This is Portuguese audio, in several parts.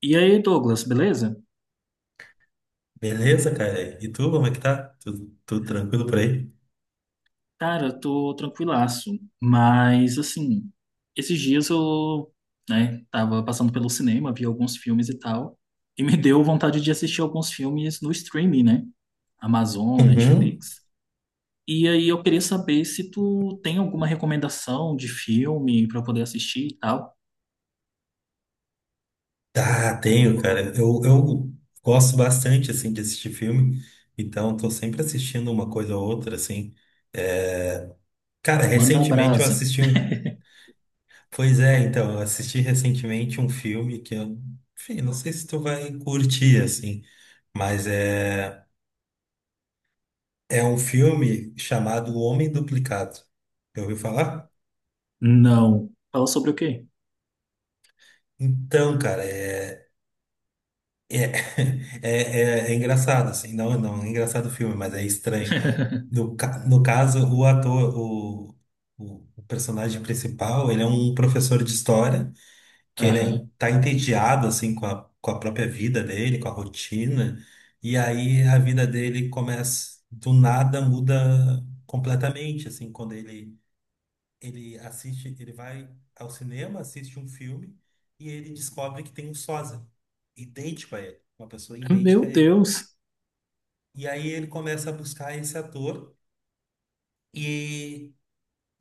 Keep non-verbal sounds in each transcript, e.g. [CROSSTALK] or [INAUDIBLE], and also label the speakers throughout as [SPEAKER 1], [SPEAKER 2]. [SPEAKER 1] E aí, Douglas, beleza?
[SPEAKER 2] Beleza, cara? E tu, como é que tá? Tudo tranquilo por aí?
[SPEAKER 1] Cara, eu tô tranquilaço, mas assim, esses dias né, tava passando pelo cinema, vi alguns filmes e tal, e me deu vontade de assistir alguns filmes no streaming, né? Amazon,
[SPEAKER 2] Uhum.
[SPEAKER 1] Netflix. E aí eu queria saber se tu tem alguma recomendação de filme pra eu poder assistir e tal.
[SPEAKER 2] Tá, tenho, cara. Eu gosto bastante, assim, de assistir filme, então tô sempre assistindo uma coisa ou outra, assim. É, Cara,
[SPEAKER 1] Manda
[SPEAKER 2] recentemente eu
[SPEAKER 1] brasa.
[SPEAKER 2] assisti um. Pois é, então, eu assisti recentemente um filme que eu. Enfim, não sei se tu vai curtir, assim, mas é... É um filme chamado O Homem Duplicado. Já ouviu falar?
[SPEAKER 1] Não. Fala sobre o quê?
[SPEAKER 2] Então, cara, é. É, [LAUGHS] é, é engraçado, assim, não, não, é engraçado o filme, mas é estranho.
[SPEAKER 1] [LAUGHS]
[SPEAKER 2] No, no caso, o ator, o personagem principal, ele é um professor de história, que ele
[SPEAKER 1] Aham.
[SPEAKER 2] tá entediado, assim, com a própria vida dele, com a rotina, e aí a vida dele começa, do nada, muda completamente, assim, quando ele vai ao cinema, assiste um filme e ele descobre que tem um sósia idêntico a ele, uma pessoa
[SPEAKER 1] Meu
[SPEAKER 2] idêntica a ele.
[SPEAKER 1] Deus.
[SPEAKER 2] E aí ele começa a buscar esse ator e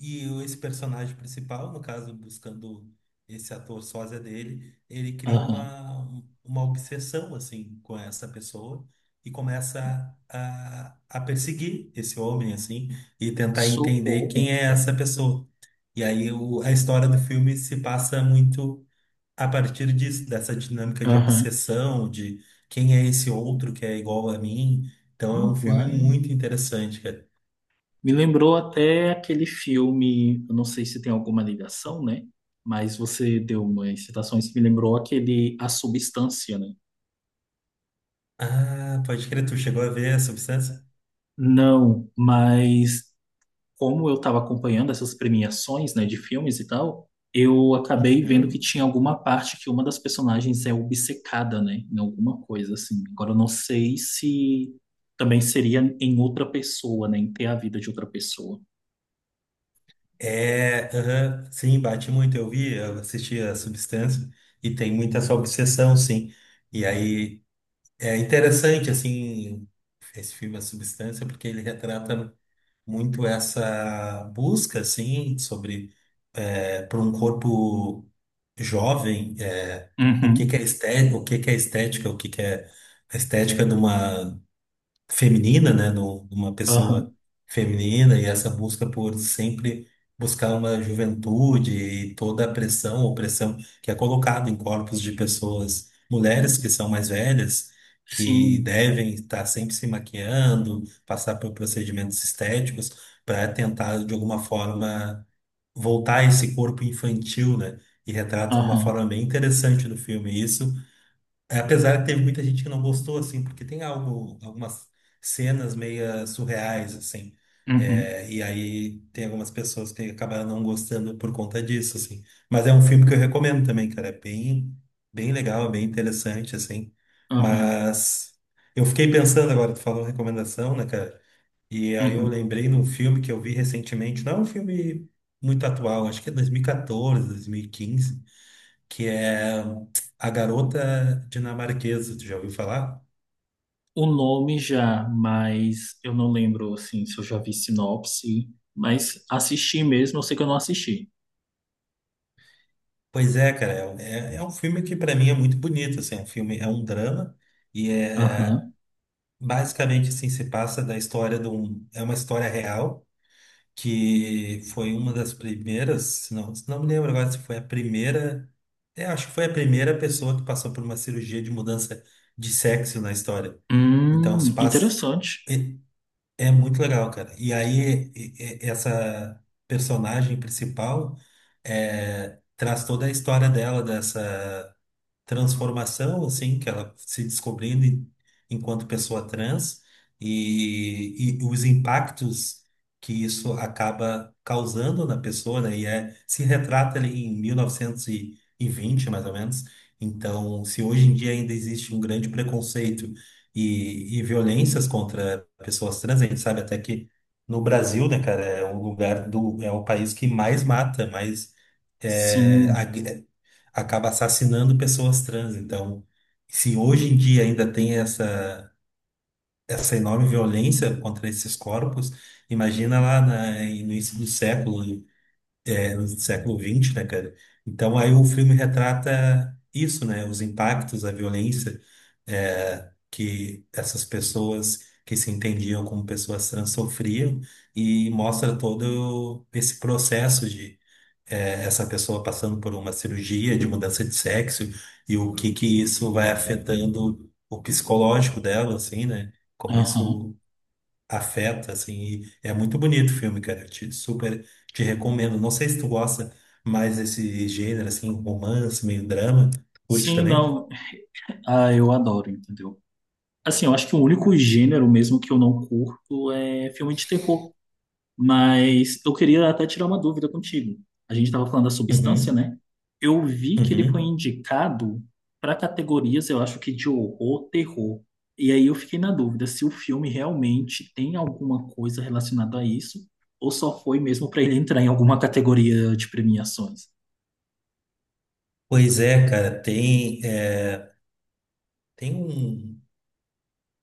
[SPEAKER 2] e esse personagem principal, no caso, buscando esse ator sósia dele, ele cria
[SPEAKER 1] Aham.
[SPEAKER 2] uma obsessão, assim, com essa pessoa e começa a perseguir esse homem, assim, e tentar entender quem
[SPEAKER 1] Socorro.
[SPEAKER 2] é essa pessoa. E aí a história do filme se passa muito a partir disso, dessa dinâmica de
[SPEAKER 1] Aham.
[SPEAKER 2] obsessão, de quem é esse outro que é igual a mim. Então é um filme
[SPEAKER 1] Uai.
[SPEAKER 2] muito interessante, cara.
[SPEAKER 1] Me lembrou até aquele filme, eu não sei se tem alguma ligação, né? Mas você deu umas citações que me lembrou aquele A Substância, né?
[SPEAKER 2] Ah, pode crer, tu chegou a ver a Substância?
[SPEAKER 1] Não, mas como eu estava acompanhando essas premiações, né, de filmes e tal, eu acabei vendo que
[SPEAKER 2] Uhum.
[SPEAKER 1] tinha alguma parte que uma das personagens é obcecada, né, em alguma coisa assim. Agora eu não sei se também seria em outra pessoa, né, em ter a vida de outra pessoa.
[SPEAKER 2] É, aham, sim, bate muito. Eu vi, eu assisti a Substância e tem muita essa obsessão, sim. E aí interessante, assim, esse filme A Substância, porque ele retrata muito essa busca, assim, sobre para um corpo jovem, o que que
[SPEAKER 1] Uhum,
[SPEAKER 2] é estética, o que que é estética, o que que é a estética de uma feminina, né, numa pessoa
[SPEAKER 1] aham,
[SPEAKER 2] feminina e essa busca por sempre buscar uma juventude e toda a pressão, opressão que é colocada em corpos de pessoas, mulheres que são mais velhas, que
[SPEAKER 1] sim,
[SPEAKER 2] devem estar sempre se maquiando, passar por procedimentos estéticos para tentar de alguma forma voltar a esse corpo infantil, né? E retrata de uma
[SPEAKER 1] aham,
[SPEAKER 2] forma bem interessante no filme isso apesar que teve muita gente que não gostou, assim, porque tem algumas cenas meio surreais, assim.
[SPEAKER 1] uhum.
[SPEAKER 2] E aí tem algumas pessoas que acabaram não gostando por conta disso, assim. Mas é um filme que eu recomendo também, cara. É bem, bem legal, bem interessante, assim.
[SPEAKER 1] Aham,
[SPEAKER 2] Mas eu fiquei pensando agora, tu falou recomendação, né, cara? E aí eu
[SPEAKER 1] uhum.
[SPEAKER 2] lembrei num filme que eu vi recentemente, não é um filme muito atual, acho que é 2014, dois mil quinze, que é A Garota Dinamarquesa, tu já ouviu falar?
[SPEAKER 1] O nome já, mas eu não lembro assim se eu já vi sinopse, mas assisti mesmo, eu sei que eu não assisti.
[SPEAKER 2] Pois é, cara, é um filme que pra mim é muito bonito, assim, é um filme, é um drama e é
[SPEAKER 1] Aham.
[SPEAKER 2] basicamente assim, se passa da história de um, é uma história real que foi uma das primeiras, se não me lembro agora se foi a primeira, acho que foi a primeira pessoa que passou por uma cirurgia de mudança de sexo na história. Então se passa
[SPEAKER 1] Interessante.
[SPEAKER 2] É muito legal, cara. E aí, essa personagem principal traz toda a história dela, dessa transformação, assim, que ela se descobrindo enquanto pessoa trans e os impactos que isso acaba causando na pessoa, né? E se retrata ali em 1920 mais ou menos. Então, se hoje em dia ainda existe um grande preconceito e violências contra pessoas trans, a gente sabe até que no Brasil, né, cara, é o lugar do, é o país que mais mata, mais
[SPEAKER 1] Sim.
[SPEAKER 2] acaba assassinando pessoas trans. Então, se hoje em dia ainda tem essa enorme violência contra esses corpos, imagina lá no início do século, é, no século XX, né, cara? Então, aí o filme retrata isso, né? Os impactos, a violência, que essas pessoas que se entendiam como pessoas trans sofriam e mostra todo esse processo, essa pessoa passando por uma cirurgia de mudança de sexo e o que que isso vai afetando o psicológico dela, assim, né? Como
[SPEAKER 1] Aham.
[SPEAKER 2] isso afeta, assim. E é muito bonito o filme, cara. Super te recomendo. Não sei se tu gosta mais desse gênero, assim, romance, meio drama. Curte
[SPEAKER 1] Sim,
[SPEAKER 2] também?
[SPEAKER 1] não. [LAUGHS] Ah, eu adoro, entendeu? Assim, eu acho que o único gênero mesmo que eu não curto é filme de terror. Mas eu queria até tirar uma dúvida contigo. A gente estava falando da substância,
[SPEAKER 2] Uhum,
[SPEAKER 1] né? Eu vi que ele foi
[SPEAKER 2] uhum.
[SPEAKER 1] indicado para categorias, eu acho que de horror, terror. E aí eu fiquei na dúvida se o filme realmente tem alguma coisa relacionada a isso, ou só foi mesmo para ele entrar em alguma categoria de premiações.
[SPEAKER 2] Pois é, cara, tem, tem um,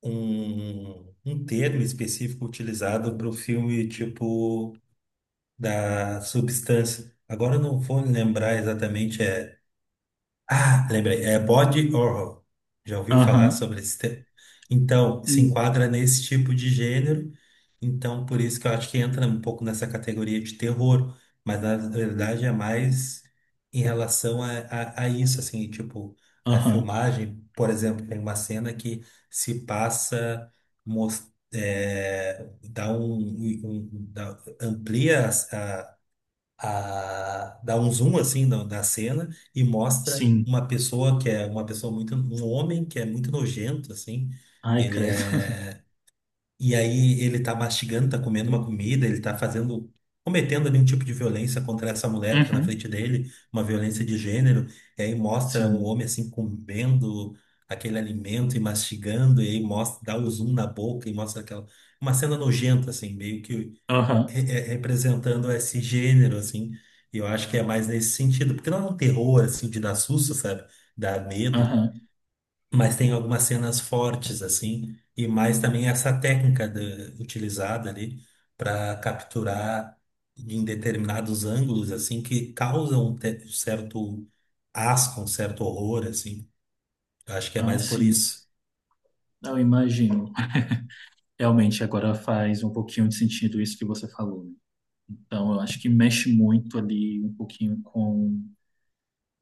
[SPEAKER 2] um, um termo específico utilizado para o filme, tipo, da substância. Agora eu não vou lembrar exatamente. Ah, lembrei. É body horror. Já ouviu falar
[SPEAKER 1] Aham.
[SPEAKER 2] sobre esse tema? Então, se
[SPEAKER 1] Hum.
[SPEAKER 2] enquadra nesse tipo de gênero. Então, por isso que eu acho que entra um pouco nessa categoria de terror. Mas, na verdade, é mais em relação a isso, assim. Tipo, a
[SPEAKER 1] Aham.
[SPEAKER 2] filmagem, por exemplo, tem uma cena que se passa. Mos- é, dá um, um- um- dá- amplia dá um zoom assim da, da cena e mostra
[SPEAKER 1] Sim.
[SPEAKER 2] uma pessoa que é uma pessoa um homem que é muito nojento assim.
[SPEAKER 1] Ai,
[SPEAKER 2] Ele
[SPEAKER 1] credo. [LAUGHS]
[SPEAKER 2] é, e aí ele tá mastigando, tá comendo uma comida, ele tá fazendo, cometendo ali um tipo de violência contra essa mulher que tá na
[SPEAKER 1] Uhum.
[SPEAKER 2] frente dele, uma violência de gênero. E aí mostra um
[SPEAKER 1] Sim.
[SPEAKER 2] homem assim comendo aquele alimento e mastigando e aí mostra, dá o zoom na boca e mostra aquela, uma cena nojenta assim, meio que
[SPEAKER 1] Aham.
[SPEAKER 2] representando esse gênero, assim. E eu acho que é mais nesse sentido, porque não é um terror, assim, de dar susto, sabe? Dar medo,
[SPEAKER 1] Aham.
[SPEAKER 2] mas tem algumas cenas fortes, assim, e mais também essa técnica utilizada ali para capturar em determinados ângulos, assim, que causam certo asco, um certo horror, assim. Eu acho que é
[SPEAKER 1] Ah,
[SPEAKER 2] mais por
[SPEAKER 1] sim.
[SPEAKER 2] isso.
[SPEAKER 1] Eu imagino. Realmente, agora faz um pouquinho de sentido isso que você falou, né? Então, eu acho que mexe muito ali um pouquinho com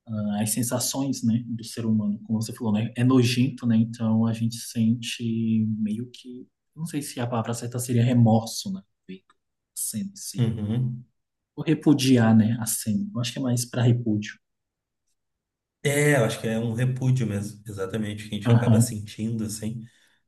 [SPEAKER 1] ah, as sensações, né, do ser humano, como você falou, né? É nojento, né? Então, a gente sente meio que, não sei se a palavra certa seria remorso, né? Sente-se.
[SPEAKER 2] Uhum.
[SPEAKER 1] Ou repudiar, né, a cena. Eu acho que é mais para repúdio.
[SPEAKER 2] Eu acho que é um repúdio mesmo, exatamente, que a gente acaba
[SPEAKER 1] Aham.
[SPEAKER 2] sentindo, assim.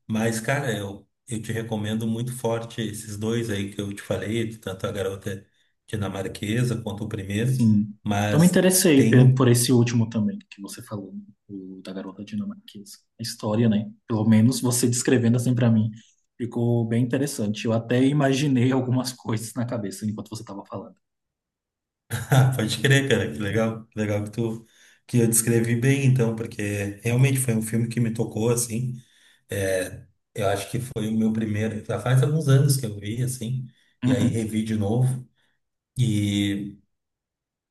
[SPEAKER 2] Mas, cara, eu te recomendo muito forte esses dois aí que eu te falei, tanto a garota dinamarquesa quanto o primeiro.
[SPEAKER 1] Sim. Eu me
[SPEAKER 2] Mas
[SPEAKER 1] interessei
[SPEAKER 2] tem
[SPEAKER 1] por
[SPEAKER 2] um.
[SPEAKER 1] esse último também que você falou, né? O da garota dinamarquesa. A história, né? Pelo menos você descrevendo assim para mim, ficou bem interessante. Eu até imaginei algumas [LAUGHS] coisas na cabeça enquanto você estava falando.
[SPEAKER 2] [LAUGHS] Ah, pode crer, cara, que legal. Que eu descrevi bem, então, porque realmente foi um filme que me tocou, assim. É, eu acho que foi o meu primeiro. Já faz alguns anos que eu vi, assim, e aí
[SPEAKER 1] Uhum.
[SPEAKER 2] revi de novo. E.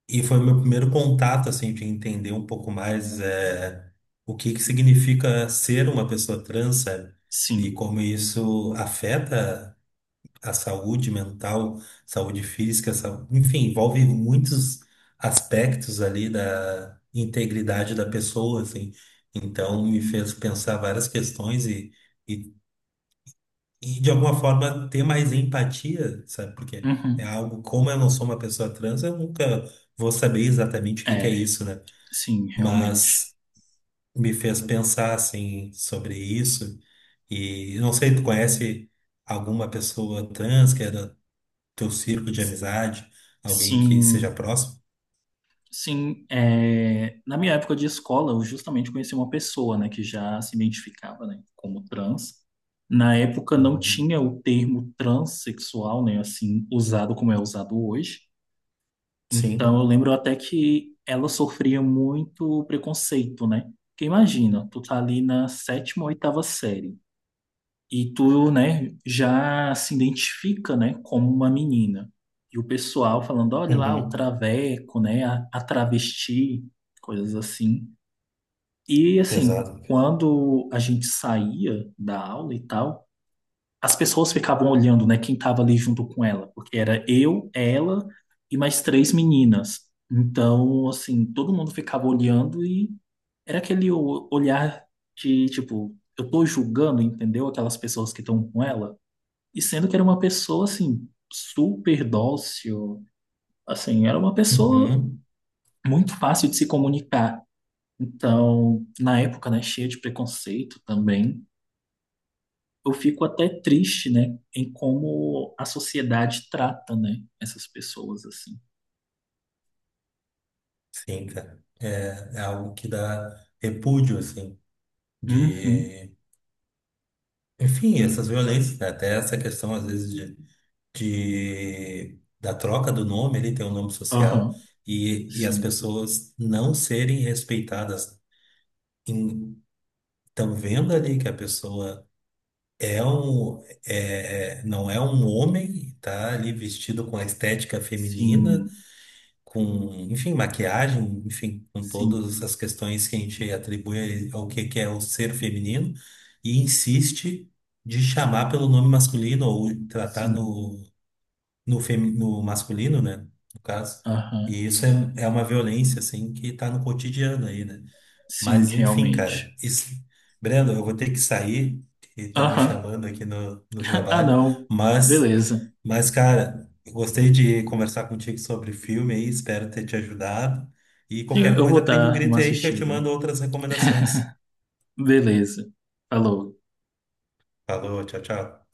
[SPEAKER 2] E foi o meu primeiro contato, assim, de entender um pouco mais, é, o que que significa ser uma pessoa trans, sabe? E
[SPEAKER 1] Sim.
[SPEAKER 2] como isso afeta a saúde mental, saúde física, enfim, envolve muitos aspectos ali da integridade da pessoa, assim. Então, me fez pensar várias questões e de alguma forma ter mais empatia, sabe? Porque é
[SPEAKER 1] Uhum.
[SPEAKER 2] algo, como eu não sou uma pessoa trans, eu nunca vou saber exatamente o que que é
[SPEAKER 1] É,
[SPEAKER 2] isso, né?
[SPEAKER 1] sim, realmente.
[SPEAKER 2] Mas me fez pensar assim sobre isso. E não sei, tu conhece alguma pessoa trans que é do teu círculo de amizade, alguém que seja
[SPEAKER 1] Sim.
[SPEAKER 2] próximo?
[SPEAKER 1] Sim, é, na minha época de escola, eu justamente conheci uma pessoa, né, que já se identificava, né, como trans. Na época não
[SPEAKER 2] Uhum.
[SPEAKER 1] tinha o termo transexual, né, assim, usado como é usado hoje. Então eu
[SPEAKER 2] Sim.
[SPEAKER 1] lembro até que ela sofria muito preconceito, né? Porque imagina, tu tá ali na sétima ou oitava série. E tu, né, já se identifica, né, como uma menina. E o pessoal falando, olha lá, o
[SPEAKER 2] Uhum.
[SPEAKER 1] traveco, né, a travesti, coisas assim. E, assim,
[SPEAKER 2] Pesado.
[SPEAKER 1] quando a gente saía da aula e tal, as pessoas ficavam olhando, né, quem tava ali junto com ela, porque era eu, ela e mais três meninas. Então, assim, todo mundo ficava olhando e era aquele olhar de, tipo, eu tô julgando, entendeu? Aquelas pessoas que estão com ela. E sendo que era uma pessoa, assim, super dócil, assim, era uma pessoa
[SPEAKER 2] Uhum.
[SPEAKER 1] muito fácil de se comunicar. Então, na época, né, cheia de preconceito também, eu fico até triste, né, em como a sociedade trata, né, essas pessoas, assim.
[SPEAKER 2] Sim, cara. É algo que dá repúdio, assim,
[SPEAKER 1] Uhum,
[SPEAKER 2] de. Enfim, essas violências, né? Até essa questão, às vezes, da troca do nome, ele tem um nome social,
[SPEAKER 1] aham,
[SPEAKER 2] e as
[SPEAKER 1] sim,
[SPEAKER 2] pessoas não serem respeitadas. Estão vendo ali que a pessoa não é um homem, tá ali vestido com a estética feminina,
[SPEAKER 1] sim,
[SPEAKER 2] com, enfim, maquiagem, enfim, com
[SPEAKER 1] sim,
[SPEAKER 2] todas as questões que a gente atribui ao que é o ser feminino e insiste de chamar pelo nome masculino ou tratar
[SPEAKER 1] sim,
[SPEAKER 2] no masculino, né, no caso.
[SPEAKER 1] aham,
[SPEAKER 2] E isso é, é uma violência, assim, que tá no cotidiano aí, né?
[SPEAKER 1] sim,
[SPEAKER 2] Mas, enfim, cara,
[SPEAKER 1] realmente.
[SPEAKER 2] isso. Brendo, eu vou ter que sair, que estão me
[SPEAKER 1] Aham,
[SPEAKER 2] chamando aqui no
[SPEAKER 1] [LAUGHS] ah,
[SPEAKER 2] trabalho,
[SPEAKER 1] não,
[SPEAKER 2] mas
[SPEAKER 1] beleza.
[SPEAKER 2] mas, cara, eu gostei de conversar contigo sobre filme aí, espero ter te ajudado. E
[SPEAKER 1] Sim,
[SPEAKER 2] qualquer
[SPEAKER 1] eu
[SPEAKER 2] coisa,
[SPEAKER 1] vou
[SPEAKER 2] prende um
[SPEAKER 1] dar
[SPEAKER 2] grito
[SPEAKER 1] uma
[SPEAKER 2] aí que eu te
[SPEAKER 1] assistida.
[SPEAKER 2] mando outras recomendações.
[SPEAKER 1] Beleza. Falou.
[SPEAKER 2] Falou, tchau, tchau.